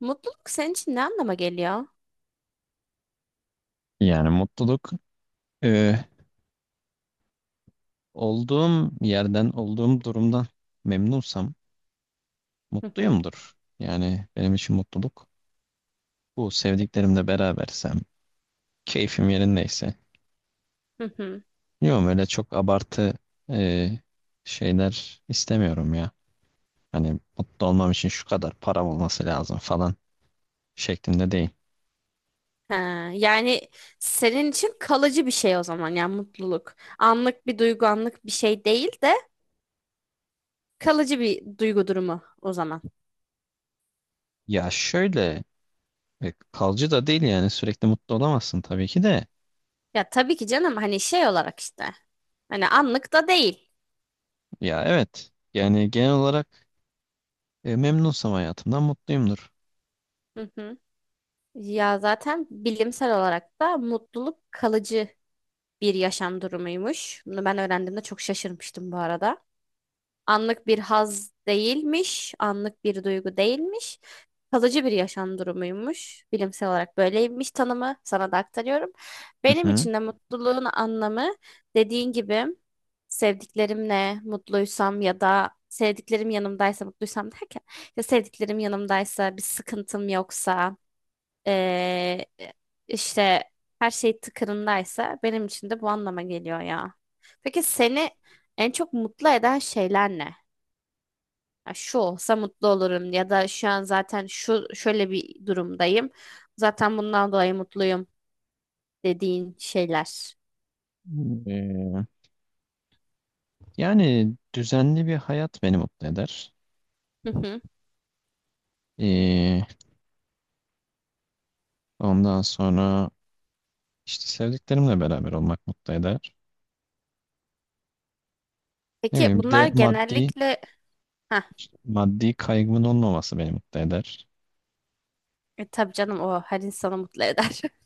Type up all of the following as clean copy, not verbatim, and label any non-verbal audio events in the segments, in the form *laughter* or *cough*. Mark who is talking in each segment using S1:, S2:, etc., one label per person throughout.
S1: Mutluluk senin için ne anlama geliyor?
S2: Yani mutluluk e, olduğum yerden, olduğum durumdan memnunsam
S1: Hı hı.
S2: mutluyumdur. Yani benim için mutluluk bu. Sevdiklerimle berabersem, keyfim yerindeyse.
S1: Hı hı.
S2: Yok öyle çok abartı e, şeyler istemiyorum ya. Hani mutlu olmam için şu kadar param olması lazım falan şeklinde değil.
S1: Ha, yani senin için kalıcı bir şey o zaman yani mutluluk. Anlık bir duygu, anlık bir şey değil de kalıcı bir duygu durumu o zaman.
S2: Ya şöyle kalıcı da değil yani sürekli mutlu olamazsın tabii ki de.
S1: Ya tabii ki canım hani şey olarak işte. Hani anlık da değil.
S2: Ya evet yani genel olarak memnunsam hayatımdan mutluyumdur.
S1: Hı hı. Ya zaten bilimsel olarak da mutluluk kalıcı bir yaşam durumuymuş. Bunu ben öğrendiğimde çok şaşırmıştım bu arada. Anlık bir haz değilmiş, anlık bir duygu değilmiş. Kalıcı bir yaşam durumuymuş. Bilimsel olarak böyleymiş tanımı. Sana da aktarıyorum.
S2: Hı
S1: Benim
S2: hı.
S1: için de mutluluğun anlamı dediğin gibi sevdiklerimle mutluysam ya da sevdiklerim yanımdaysa mutluysam derken ya sevdiklerim yanımdaysa bir sıkıntım yoksa eee, işte her şey tıkırındaysa benim için de bu anlama geliyor ya. Peki seni en çok mutlu eden şeyler ne? Ya şu olsa mutlu olurum ya da şu an zaten şu şöyle bir durumdayım. Zaten bundan dolayı mutluyum dediğin şeyler.
S2: Ee, yani düzenli bir hayat beni mutlu eder.
S1: Hı hı.
S2: Ee, ondan sonra işte sevdiklerimle beraber olmak mutlu eder. Ne
S1: Peki
S2: bileyim bir
S1: bunlar
S2: de maddi
S1: genellikle ha
S2: maddi kaygımın olmaması beni mutlu eder.
S1: tabii canım o her insanı mutlu eder. *laughs*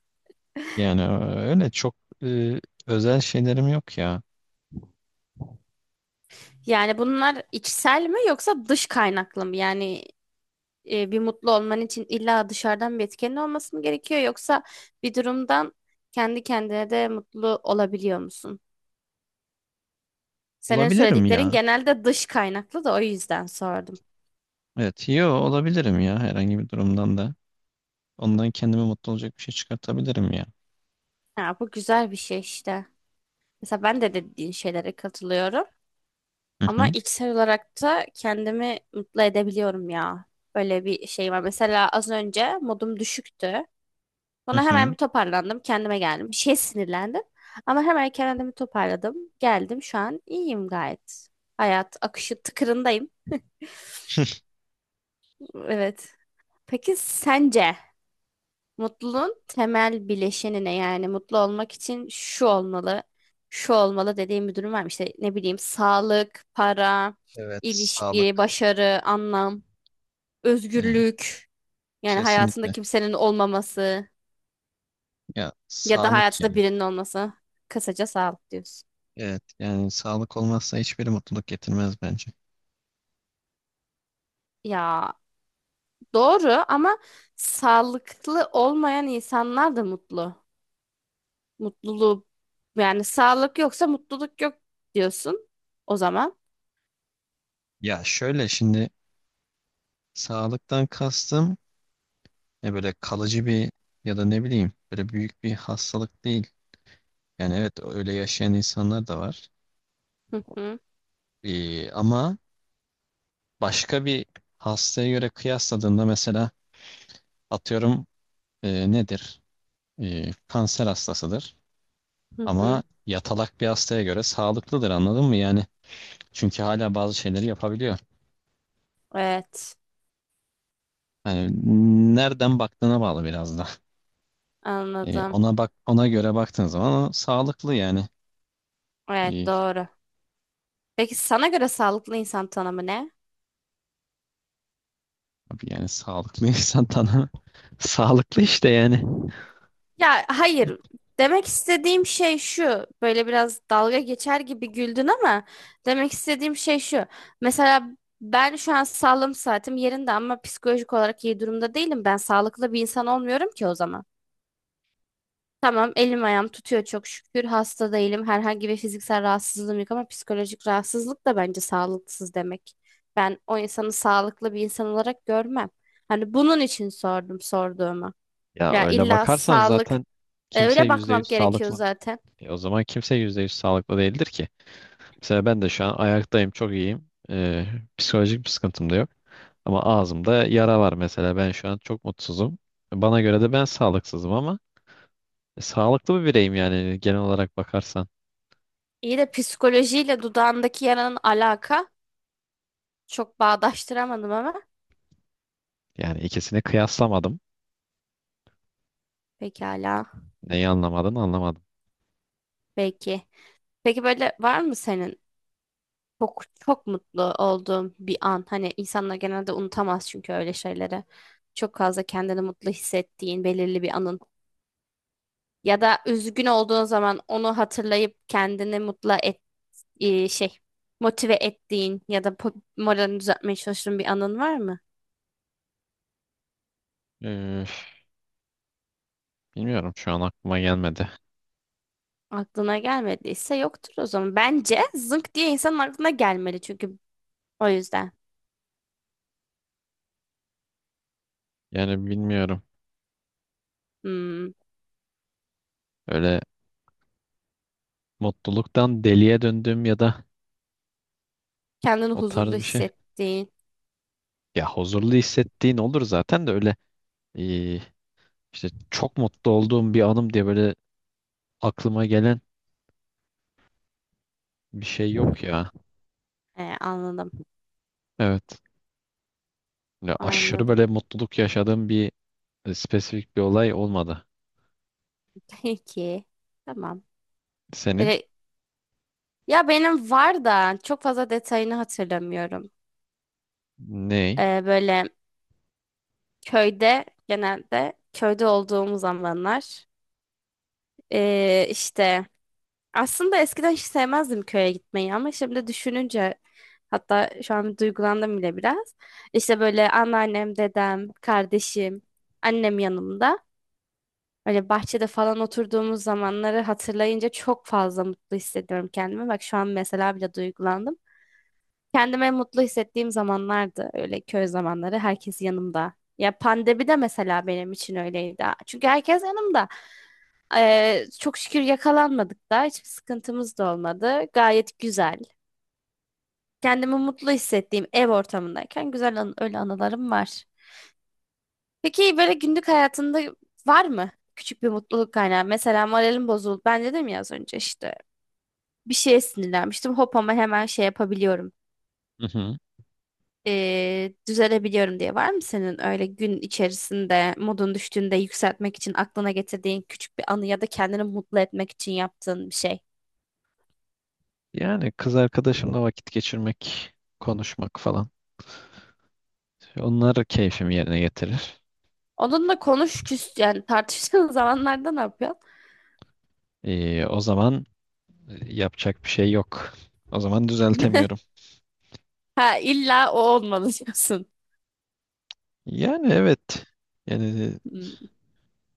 S2: Yani öyle çok e, özel şeylerim yok ya.
S1: Yani bunlar içsel mi yoksa dış kaynaklı mı? Yani bir mutlu olman için illa dışarıdan bir etkenin olması mı gerekiyor yoksa bir durumdan kendi kendine de mutlu olabiliyor musun? Senin
S2: Olabilirim
S1: söylediklerin
S2: ya.
S1: genelde dış kaynaklı da o yüzden sordum.
S2: Evet, yo olabilirim ya herhangi bir durumdan da. Ondan kendime mutlu olacak bir şey çıkartabilirim ya.
S1: Ya bu güzel bir şey işte. Mesela ben de dediğin şeylere katılıyorum.
S2: Hı
S1: Ama
S2: hı,
S1: içsel olarak da kendimi mutlu edebiliyorum ya. Böyle bir şey var. Mesela az önce modum düşüktü.
S2: hı
S1: Sonra hemen
S2: hı.
S1: bir toparlandım. Kendime geldim. Bir şeye sinirlendim. Ama hemen kendimi toparladım. Geldim şu an iyiyim gayet. Hayat akışı tıkırındayım.
S2: *laughs*
S1: Evet. Peki sence? Mutluluğun temel bileşenine yani mutlu olmak için şu olmalı, şu olmalı dediğim bir durum var mı? İşte ne bileyim sağlık, para,
S2: Evet,
S1: ilişki,
S2: sağlık.
S1: başarı, anlam,
S2: Yani
S1: özgürlük. Yani hayatında
S2: kesinlikle.
S1: kimsenin olmaması
S2: Ya
S1: ya da
S2: sağlık
S1: hayatında
S2: yani.
S1: birinin olması. Kısaca sağlık diyorsun.
S2: Evet yani sağlık olmazsa hiçbir mutluluk getirmez bence.
S1: Ya doğru ama sağlıklı olmayan insanlar da mutlu. Mutluluğu yani sağlık yoksa mutluluk yok diyorsun o zaman.
S2: Ya şöyle şimdi sağlıktan kastım böyle kalıcı bir ya da ne bileyim böyle büyük bir hastalık değil. Yani evet öyle yaşayan insanlar da var.
S1: Hı hı,
S2: Ama başka bir hastaya göre kıyasladığında mesela atıyorum nedir? E, kanser hastasıdır.
S1: hı
S2: Ama
S1: hı.
S2: yatalak bir hastaya göre sağlıklıdır, anladın mı? Yani çünkü hala bazı şeyleri yapabiliyor.
S1: Evet,
S2: Yani nereden baktığına bağlı biraz da.
S1: anladım.
S2: Ona bak, ona göre baktığın zaman o sağlıklı yani.
S1: Evet,
S2: E,
S1: doğru. Peki sana göre sağlıklı insan tanımı ne?
S2: abi yani sağlıklı *laughs* insan tanımı *laughs* sağlıklı işte yani.
S1: Ya hayır. Demek istediğim şey şu. Böyle biraz dalga geçer gibi güldün ama demek istediğim şey şu. Mesela ben şu an sağlığım saatim yerinde ama psikolojik olarak iyi durumda değilim. Ben sağlıklı bir insan olmuyorum ki o zaman. Tamam, elim ayağım tutuyor çok şükür. Hasta değilim. Herhangi bir fiziksel rahatsızlığım yok ama psikolojik rahatsızlık da bence sağlıksız demek. Ben o insanı sağlıklı bir insan olarak görmem. Hani bunun için sordum sorduğumu.
S2: Ya
S1: Ya
S2: öyle
S1: illa
S2: bakarsan
S1: sağlık
S2: zaten kimse
S1: öyle
S2: yüzde
S1: bakmam
S2: yüz
S1: gerekiyor
S2: sağlıklı.
S1: zaten.
S2: O zaman kimse 100% sağlıklı değildir ki. Mesela ben de şu an ayaktayım, çok iyiyim. Psikolojik bir sıkıntım da yok. Ama ağzımda yara var mesela. Ben şu an çok mutsuzum. Bana göre de ben sağlıksızım ama sağlıklı bir bireyim yani genel olarak bakarsan.
S1: İyi de psikolojiyle dudağındaki yaranın alaka çok bağdaştıramadım ama
S2: Yani ikisini kıyaslamadım.
S1: pekala.
S2: Neyi anlamadın, anlamadım.
S1: Peki Peki böyle var mı senin çok çok mutlu olduğum bir an. Hani insanlar genelde unutamaz çünkü öyle şeyleri. Çok fazla kendini mutlu hissettiğin belirli bir anın. Ya da üzgün olduğun zaman onu hatırlayıp kendini mutlu et, e, şey motive ettiğin ya da moralini düzeltmeye çalıştığın bir anın var mı?
S2: E, Bilmiyorum, şu an aklıma gelmedi.
S1: Aklına gelmediyse yoktur o zaman. Bence zınk diye insanın aklına gelmeli çünkü o yüzden.
S2: Yani bilmiyorum.
S1: Hmm.
S2: Öyle mutluluktan deliye döndüğüm ya da
S1: Kendini
S2: o tarz
S1: huzurlu
S2: bir şey.
S1: hissettiğin.
S2: Ya huzurlu hissettiğin olur zaten de öyle eee, işte çok mutlu olduğum bir anım diye böyle aklıma gelen bir şey yok ya.
S1: He, anladım.
S2: Evet. Ya aşırı
S1: Anladım.
S2: böyle mutluluk yaşadığım bir spesifik bir olay olmadı.
S1: *laughs* Peki. Tamam.
S2: Senin?
S1: Böyle- ya benim var da çok fazla detayını hatırlamıyorum.
S2: Ney?
S1: Böyle köyde genelde köyde olduğum zamanlar işte aslında eskiden hiç sevmezdim köye gitmeyi ama şimdi düşününce hatta şu an duygulandım bile biraz. İşte böyle anneannem, dedem, kardeşim, annem yanımda. Böyle bahçede falan oturduğumuz zamanları hatırlayınca çok fazla mutlu hissediyorum kendimi. Bak şu an mesela bile duygulandım. Kendime mutlu hissettiğim zamanlardı öyle köy zamanları herkes yanımda. Ya pandemi de mesela benim için öyleydi. Çünkü herkes yanımda. Çok şükür yakalanmadık da hiçbir sıkıntımız da olmadı. Gayet güzel. Kendimi mutlu hissettiğim ev ortamındayken güzel an öyle anılarım var. Peki böyle günlük hayatında var mı küçük bir mutluluk kaynağı? Mesela moralim bozuldu. Ben dedim ya az önce işte bir şeye sinirlenmiştim. Hop ama hemen şey yapabiliyorum.
S2: Hı hı.
S1: Düzelebiliyorum diye var mı senin öyle gün içerisinde modun düştüğünde yükseltmek için aklına getirdiğin küçük bir anı ya da kendini mutlu etmek için yaptığın bir şey?
S2: Yani kız arkadaşımla vakit geçirmek, konuşmak falan. Onlar keyfimi yerine getirir.
S1: Onunla konuş küs yani tartıştığın *laughs* zamanlarda ne yapıyorsun?
S2: O zaman yapacak bir şey yok. O zaman
S1: *laughs*
S2: düzeltemiyorum.
S1: Ha illa o olmalı diyorsun.
S2: Yani evet. Yani
S1: Hmm.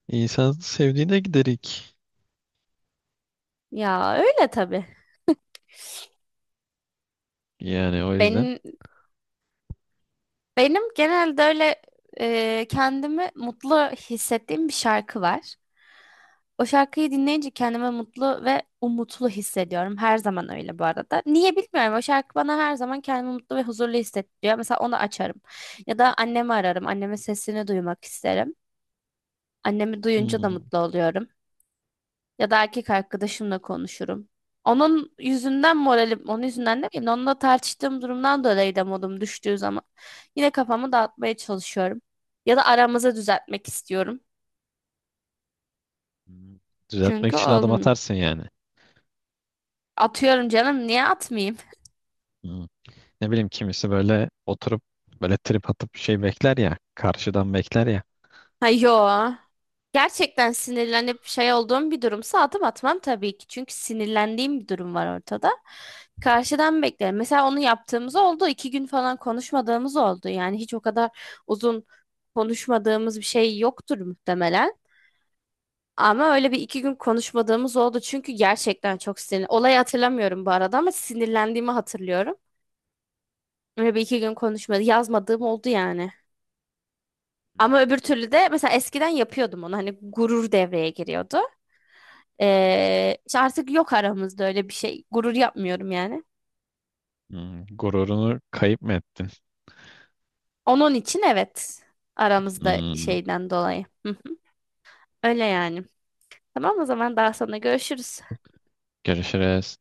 S2: insan sevdiğine giderik.
S1: Ya öyle tabii.
S2: Yani o yüzden
S1: Benim Benim genelde öyle kendimi mutlu hissettiğim bir şarkı var. O şarkıyı dinleyince kendimi mutlu ve umutlu hissediyorum. Her zaman öyle bu arada. Niye bilmiyorum. O şarkı bana her zaman kendimi mutlu ve huzurlu hissettiriyor. Mesela onu açarım. Ya da annemi ararım. Annemin sesini duymak isterim. Annemi duyunca da
S2: hmm,
S1: mutlu oluyorum. Ya da erkek arkadaşımla konuşurum. Onun yüzünden moralim, onun yüzünden değil, onunla tartıştığım durumdan dolayı da modum düştüğü zaman yine kafamı dağıtmaya çalışıyorum. Ya da aramızı düzeltmek istiyorum.
S2: düzeltmek
S1: Çünkü
S2: için adım
S1: oğlum
S2: atarsın yani.
S1: atıyorum canım niye atmayayım? *laughs*
S2: Hmm. Ne bileyim, kimisi böyle oturup böyle trip atıp şey bekler ya. Karşıdan bekler ya.
S1: Ha yo. Gerçekten sinirlenip şey olduğum bir durumsa adım atmam tabii ki. Çünkü sinirlendiğim bir durum var ortada. Karşıdan beklerim. Mesela onu yaptığımız oldu. İki gün falan konuşmadığımız oldu. Yani hiç o kadar uzun konuşmadığımız bir şey yoktur muhtemelen. Ama öyle bir iki gün konuşmadığımız oldu. Çünkü gerçekten çok sinir. Olayı hatırlamıyorum bu arada ama sinirlendiğimi hatırlıyorum. Öyle bir iki gün konuşmadı, yazmadığım oldu yani. Ama öbür türlü de mesela eskiden yapıyordum onu. Hani gurur devreye giriyordu. İşte artık yok aramızda öyle bir şey. Gurur yapmıyorum yani.
S2: Hmm, gururunu kayıp mı ettin?
S1: Onun için evet. Aramızda
S2: Hmm.
S1: şeyden dolayı. Hı hı. Öyle yani. Tamam o zaman daha sonra görüşürüz.
S2: Görüşürüz.